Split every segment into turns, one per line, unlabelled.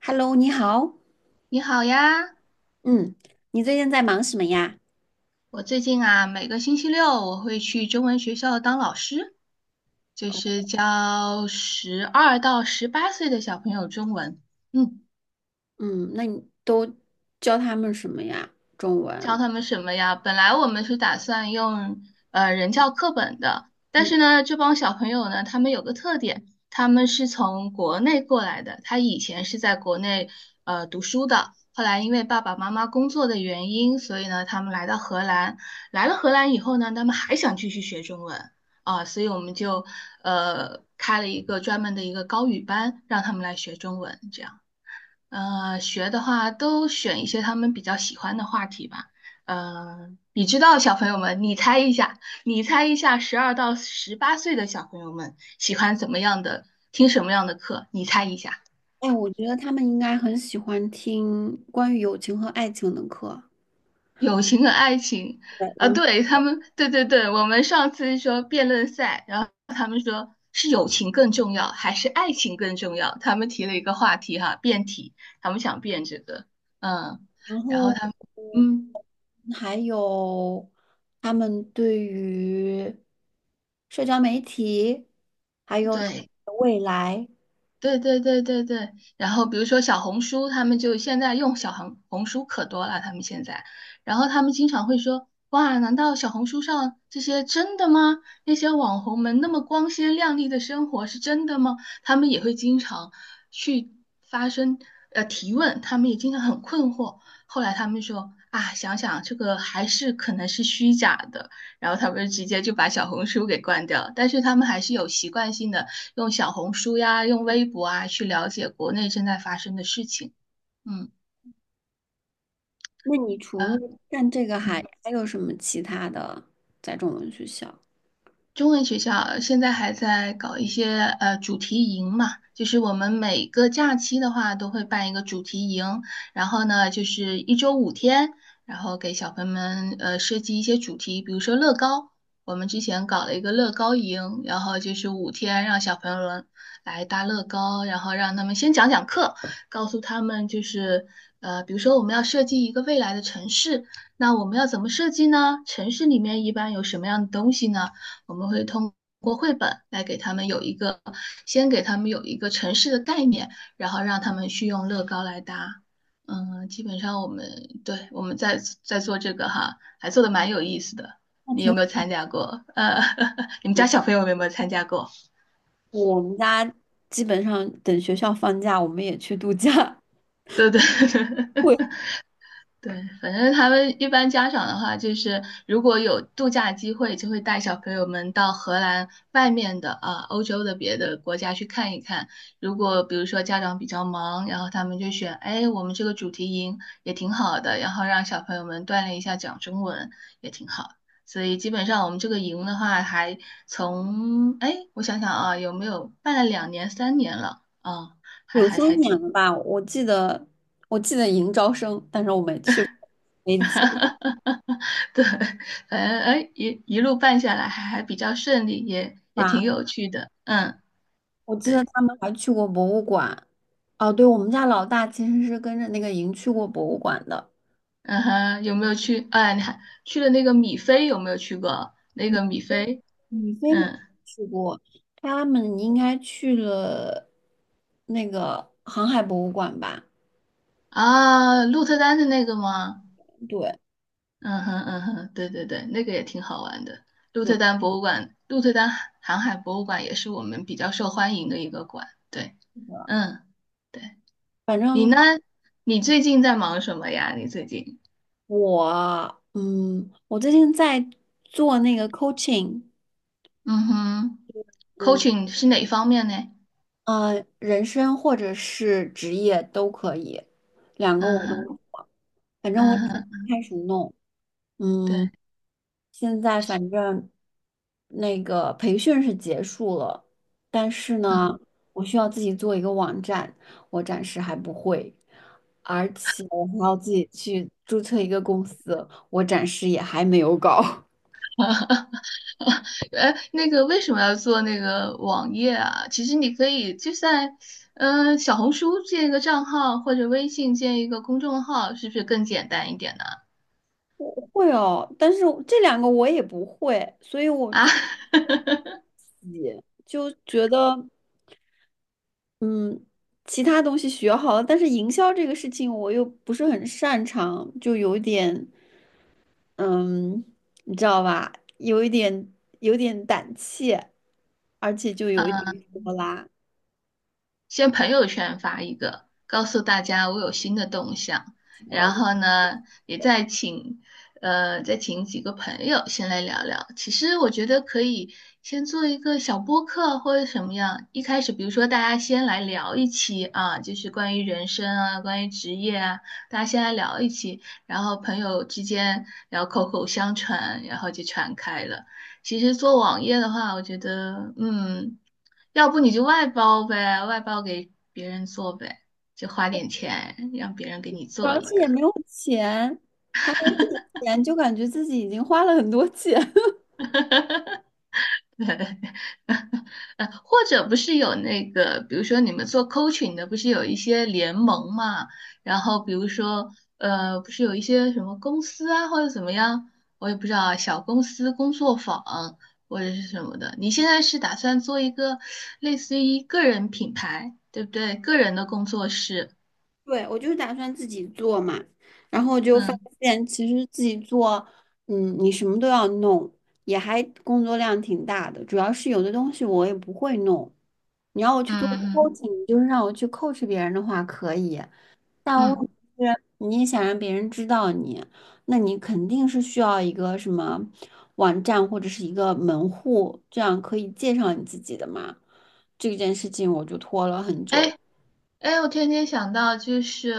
Hello，你好。
你好呀，
嗯，你最近在忙什么呀？
我最近啊，每个星期六我会去中文学校当老师，就是教十二到十八岁的小朋友中文。嗯。
嗯，那你都教他们什么呀？中
教
文。
他们什么呀？本来我们是打算用人教课本的，但
嗯，
是呢，这帮小朋友呢，他们有个特点，他们是从国内过来的，他以前是在国内读书的，后来因为爸爸妈妈工作的原因，所以呢，他们来到荷兰，来了荷兰以后呢，他们还想继续学中文啊，所以我们就开了一个专门的一个高语班，让他们来学中文，这样。学的话都选一些他们比较喜欢的话题吧。你知道小朋友们，你猜一下，你猜一下，十二到十八岁的小朋友们喜欢怎么样的，听什么样的课？你猜一下，
哎，我觉得他们应该很喜欢听关于友情和爱情的课，
友情和爱情。啊，
然
对，他们，对对对，我们上次说辩论赛，然后是友情更重要还是爱情更重要？他们提了一个话题哈，辩题，他们想辩这个，嗯，
然
然后
后
他们，嗯，
嗯还有他们对于社交媒体，还有他们
对。
的未来。
对对对对对，然后比如说小红书，他们就现在用小红书可多了，他们现在，然后他们经常会说，哇，难道小红书上这些真的吗？那些网红们那么光鲜亮丽的生活是真的吗？他们也会经常去发生提问，他们也经常很困惑。后来他们说啊，想想这个还是可能是虚假的，然后他们直接就把小红书给关掉了但是他们还是有习惯性的。用小红书呀，用微博啊，去了解国内正在发生的事情。嗯，
那你除了
啊，
干这个还
嗯。
还有什么其他的在中文学校？
中文学校现在还在搞一些主题营嘛，就是我们每个假期的话都会办一个主题营，然后呢就是一周五天，然后给小朋友们设计一些主题，比如说乐高，我们之前搞了一个乐高营，然后就是五天让小朋友们来搭乐高，然后让他们先讲讲课，告诉他们就是比如说我们要设计一个未来的城市，那我们要怎么设计呢？城市里面一般有什么样的东西呢？我们会通过绘本来给他们有一个，先给他们有一个城市的概念，然后让他们去用乐高来搭。嗯，基本上我们对我们在做这个哈，还做的蛮有意思的。
那
你有
挺。
没有参加过？你们家小朋友有没有参加过？
我们家基本上等学校放假，我们也去度假。
对对。
会
对，反正他们一般家长的话，就是如果有度假机会，就会带小朋友们到荷兰外面的啊，欧洲的别的国家去看一看。如果比如说家长比较忙，然后他们就选，哎，我们这个主题营也挺好的，然后让小朋友们锻炼一下讲中文也挺好。所以基本上我们这个营的话，还从，哎，我想想啊，有没有办了两年、三年了啊，还
有
还
三
还
年
挺。
了吧？我记得迎招生，但是我没去，没计
哈哈哈！哈对，反正哎一路办下来还比较顺利，也挺
划。
有趣的。嗯，
我记得
对，
他们还去过博物馆。哦，对，我们家老大其实是跟着那个营去过博物馆的。
嗯哼，有没有去？哎，你还去了那个米菲，有没有去过那
你
个米
飞，
菲？
你飞没
嗯
去过，他们应该去了那个航海博物馆吧？
啊，鹿特丹的那个吗？嗯哼嗯哼，对对对，那个也挺好玩的。鹿特丹博物馆，鹿特丹航海博物馆也是我们比较受欢迎的一个馆。对，嗯，对，
反
你
正
呢？你最近在忙什么呀？你最近？
我最近在做那个 coaching。
嗯哼
嗯，
，coaching 是哪一方面呢？
啊，人生或者是职业都可以，两个我
嗯哼，
都，反正我
嗯
也是
哼，
开始弄。嗯，
对，
现在反正那个培训是结束了，但是呢，我需要自己做一个网站，我暂时还不会，而且我还要自己去注册一个公司，我暂时也还没有搞。
哎，那个为什么要做那个网页啊？其实你可以就在，嗯、小红书建一个账号，或者微信建一个公众号，是不是更简单一点呢？
我会哦，但是我这两个我也不会，所以我
啊，
就 就觉得。其他东西学好了，但是营销这个事情我又不是很擅长，就有点，嗯，你知道吧？有一点，有点胆怯，而且就有一点拖拉，
先朋友圈发一个，告诉大家我有新的动向，然后呢，也再请再请几个朋友先来聊聊。其实我觉得可以先做一个小播客或者什么样，一开始比如说大家先来聊一期啊，就是关于人生啊，关于职业啊，大家先来聊一期，然后朋友之间聊口口相传，然后就传开了。其实做网页的话，我觉得，嗯，要不你就外包呗，外包给别人做呗，就花点钱让别人给你做
而
一
且
个。
也没有还没几钱，就感觉自己已经花了很多钱，
呵或者不是有那个，比如说你们做 coaching 的，不是有一些联盟嘛？然后比如说，不是有一些什么公司啊，或者怎么样，我也不知道啊小公司工作坊或者是什么的。你现在是打算做一个类似于个人品牌，对不对？个人的工作室，
对，我就是打算自己做嘛，然后就发
嗯
现其实自己做，你什么都要弄，也还工作量挺大的。主要是有的东西我也不会弄，你要我去做
嗯
coaching，就是让我去 coach 别人的话可以，但
嗯
问题
嗯，
是你也想让别人知道你，那你肯定是需要一个什么网站或者是一个门户，这样可以介绍你自己的嘛。这件事情我就拖了很久。
哎，哎，我天天想到，就是，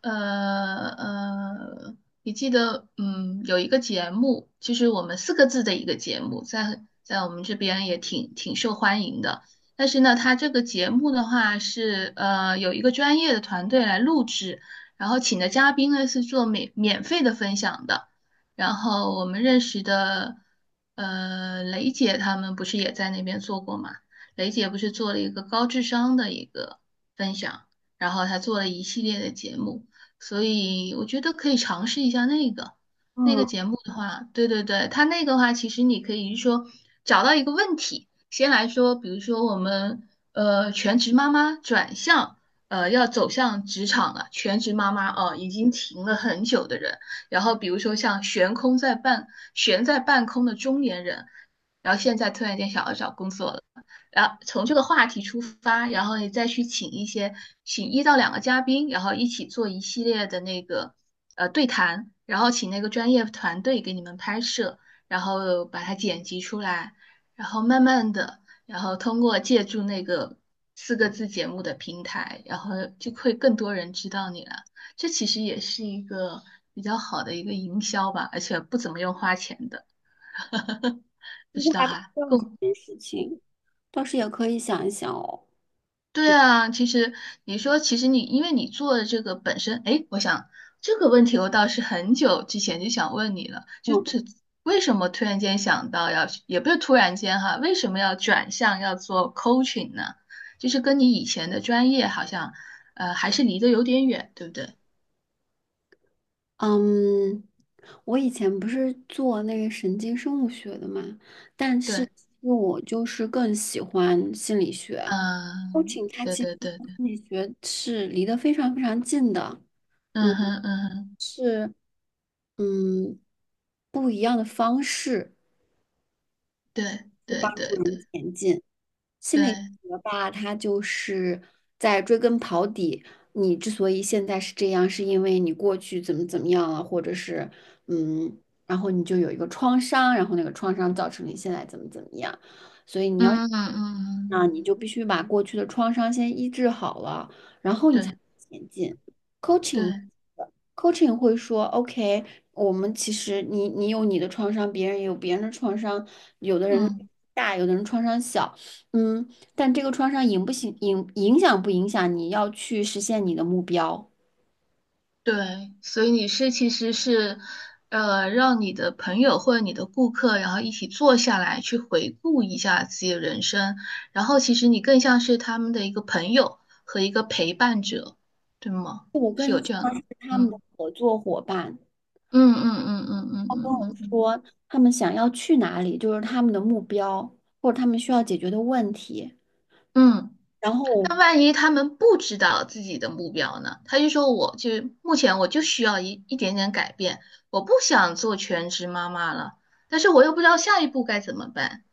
呃呃，你记得，嗯，有一个节目，就是我们四个字的一个节目，在我们这边也挺挺受欢迎的。但是呢，它这个节目的话是，有一个专业的团队来录制，然后请的嘉宾呢是做免费的分享的。然后我们认识的，雷姐他们不是也在那边做过吗？雷姐不是做了一个高智商的一个。分享，然后他做了一系列的节目，所以我觉得可以尝试一下那个那个
嗯。
节目的话，对对对，他那个话其实你可以是说找到一个问题，先来说，比如说我们全职妈妈转向要走向职场了，全职妈妈哦、已经停了很久的人，然后比如说像悬空在半悬在半空的中年人，然后现在突然间想要找工作了。然后从这个话题出发，然后你再去请一些，请一到两个嘉宾，然后一起做一系列的那个对谈，然后请那个专业团队给你们拍摄，然后把它剪辑出来，然后慢慢的，然后通过借助那个四个字节目的平台，然后就会更多人知道你了。这其实也是一个比较好的一个营销吧，而且不怎么用花钱的，
其
不
实
知道
还不
哈、
重视这件事情，倒是也可以想一想哦。
对
对吧，
啊，其实你说，其实你因为你做的这个本身，哎，我想这个问题我倒是很久之前就想问你了，就
嗯
这为什么突然间想到要，也不是突然间哈，为什么要转向要做 coaching 呢？就是跟你以前的专业好像，还是离得有点远，对不对？
嗯，我以前不是做那个神经生物学的嘛，但是
对，
其实我就是更喜欢心理学。c o
嗯，
a 它
对
其实
对对
和
对，
心理学是离得非常非常近的，嗯，
嗯哼嗯哼，
是嗯不一样的方式
对
去
对
帮助
对
人
对
前进。心理
对，
学吧，它就是在追根刨底，你之所以现在是这样，是因为你过去怎么怎么样了，或者是嗯，然后你就有一个创伤，然后那个创伤造成你现在怎么怎么样，
嗯嗯嗯，
那你
嗯
就必须把过去的创伤先医治好了，然后你才
对
能前进。coaching
对，
coaching 会说，OK，我们其实你有你的创伤，别人也有别人的创伤，有的人
嗯。
大，有的人创伤小，嗯，但这个创伤影响不影响你要去实现你的目标？
对，所以你是其实是，让你的朋友或者你的顾客，然后一起坐下来去回顾一下自己的人生，然后其实你更像是他们的一个朋友和一个陪伴者，对吗？
我更
是有
像
这样的，
是他们的
嗯
合作伙伴，
嗯嗯嗯嗯嗯嗯嗯嗯。
说他们想要去哪里，就是他们的目标或者他们需要解决的问题，
嗯
然后
那
我。
万一他们不知道自己的目标呢？他就说，我就目前我就需要一点点改变，我不想做全职妈妈了，但是我又不知道下一步该怎么办。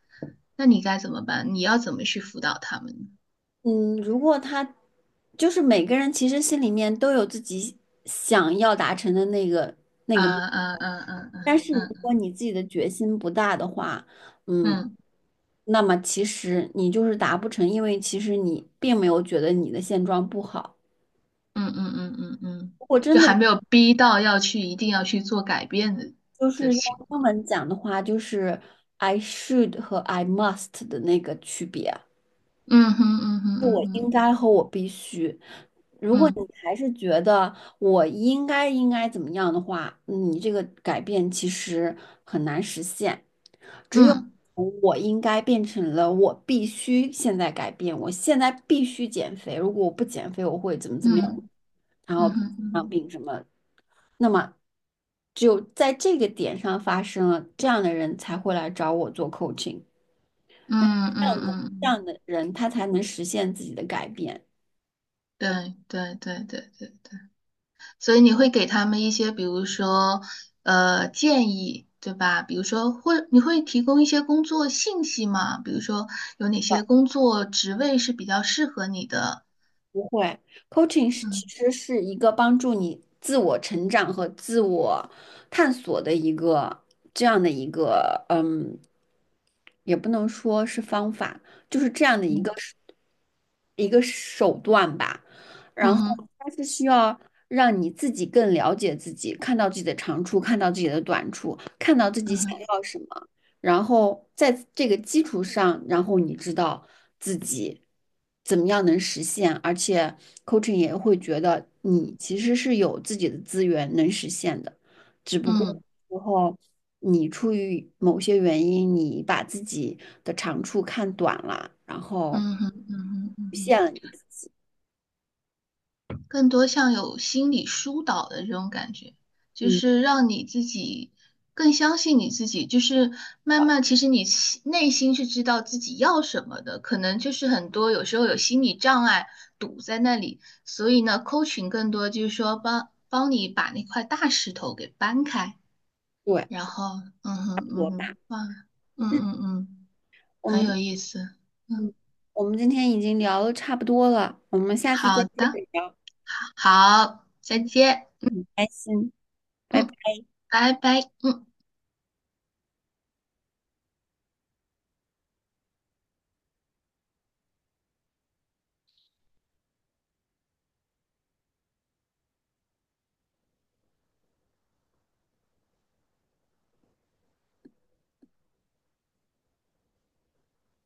那你该怎么办？你要怎么去辅导他们呢？
嗯，如果他就是每个人其实心里面都有自己想要达成的那个那
啊
个目
啊
标，
啊啊
但是如
啊
果你自己的决心不大的话，嗯，
嗯
那么其实你就是达不成，因为其实你并没有觉得你的现状不好。
嗯嗯嗯嗯嗯嗯，
如果
就
真的
还没有逼到要去一定要去做改变的
就
的
是用
情
英
况。
文讲的话，就是 I should 和 I must 的那个区别。
嗯哼嗯哼嗯
我应
哼
该和我必须。如果你
嗯
还是觉得我应该怎么样的话，你这个改变其实很难实现。只有
嗯
从我应该变成了我必须现在改变，我现在必须减肥。如果我不减肥，我会怎么怎么样，
嗯
然
嗯
后
哼嗯
生
哼
病什么。那么，只有在这个点上发生了，这样的人才会来找我做 coaching，
嗯嗯
这样的
嗯，
这样
嗯
的人他才能实现自己的改变。
对对对对对。对所以你会给他们一些，比如说，建议，对吧？比如说，或你会提供一些工作信息吗？比如说，有哪些工作职位是比较适合你的？
不会，coaching 是其
嗯
实是一个帮助你自我成长和自我探索的一个这样的一个，也不能说是方法，就是这样的
嗯
一个手段吧。然
嗯
后
哼
它是需要让你自己更了解自己，看到自己的长处，看到自己的短处，看到自己
嗯
想
哼
要什么。然后在这个基础上，然后你知道自己怎么样能实现，而且 coaching 也会觉得你其实是有自己的资源能实现的，只不过
嗯
有时候你出于某些原因，你把自己的长处看短了，然后
嗯哼嗯哼嗯哼嗯
骗
哼。
了你自己，
更多像有心理疏导的这种感觉，就
嗯，
是让你自己更相信你自己，就是慢慢其实你心内心是知道自己要什么的，可能就是很多有时候有心理障碍堵在那里，所以呢扣群更多就是说帮你把那块大石头给搬开，
对，
然后嗯哼
多
嗯
吧。
哼，哇，嗯
嗯，
嗯嗯，
我
很有
们
意思，
嗯，
嗯，
我们今天已经聊的差不多了，我们下次再
好
接
的，
着聊。
好，好再
嗯，
见，
很开心，拜拜。
嗯，拜拜，嗯。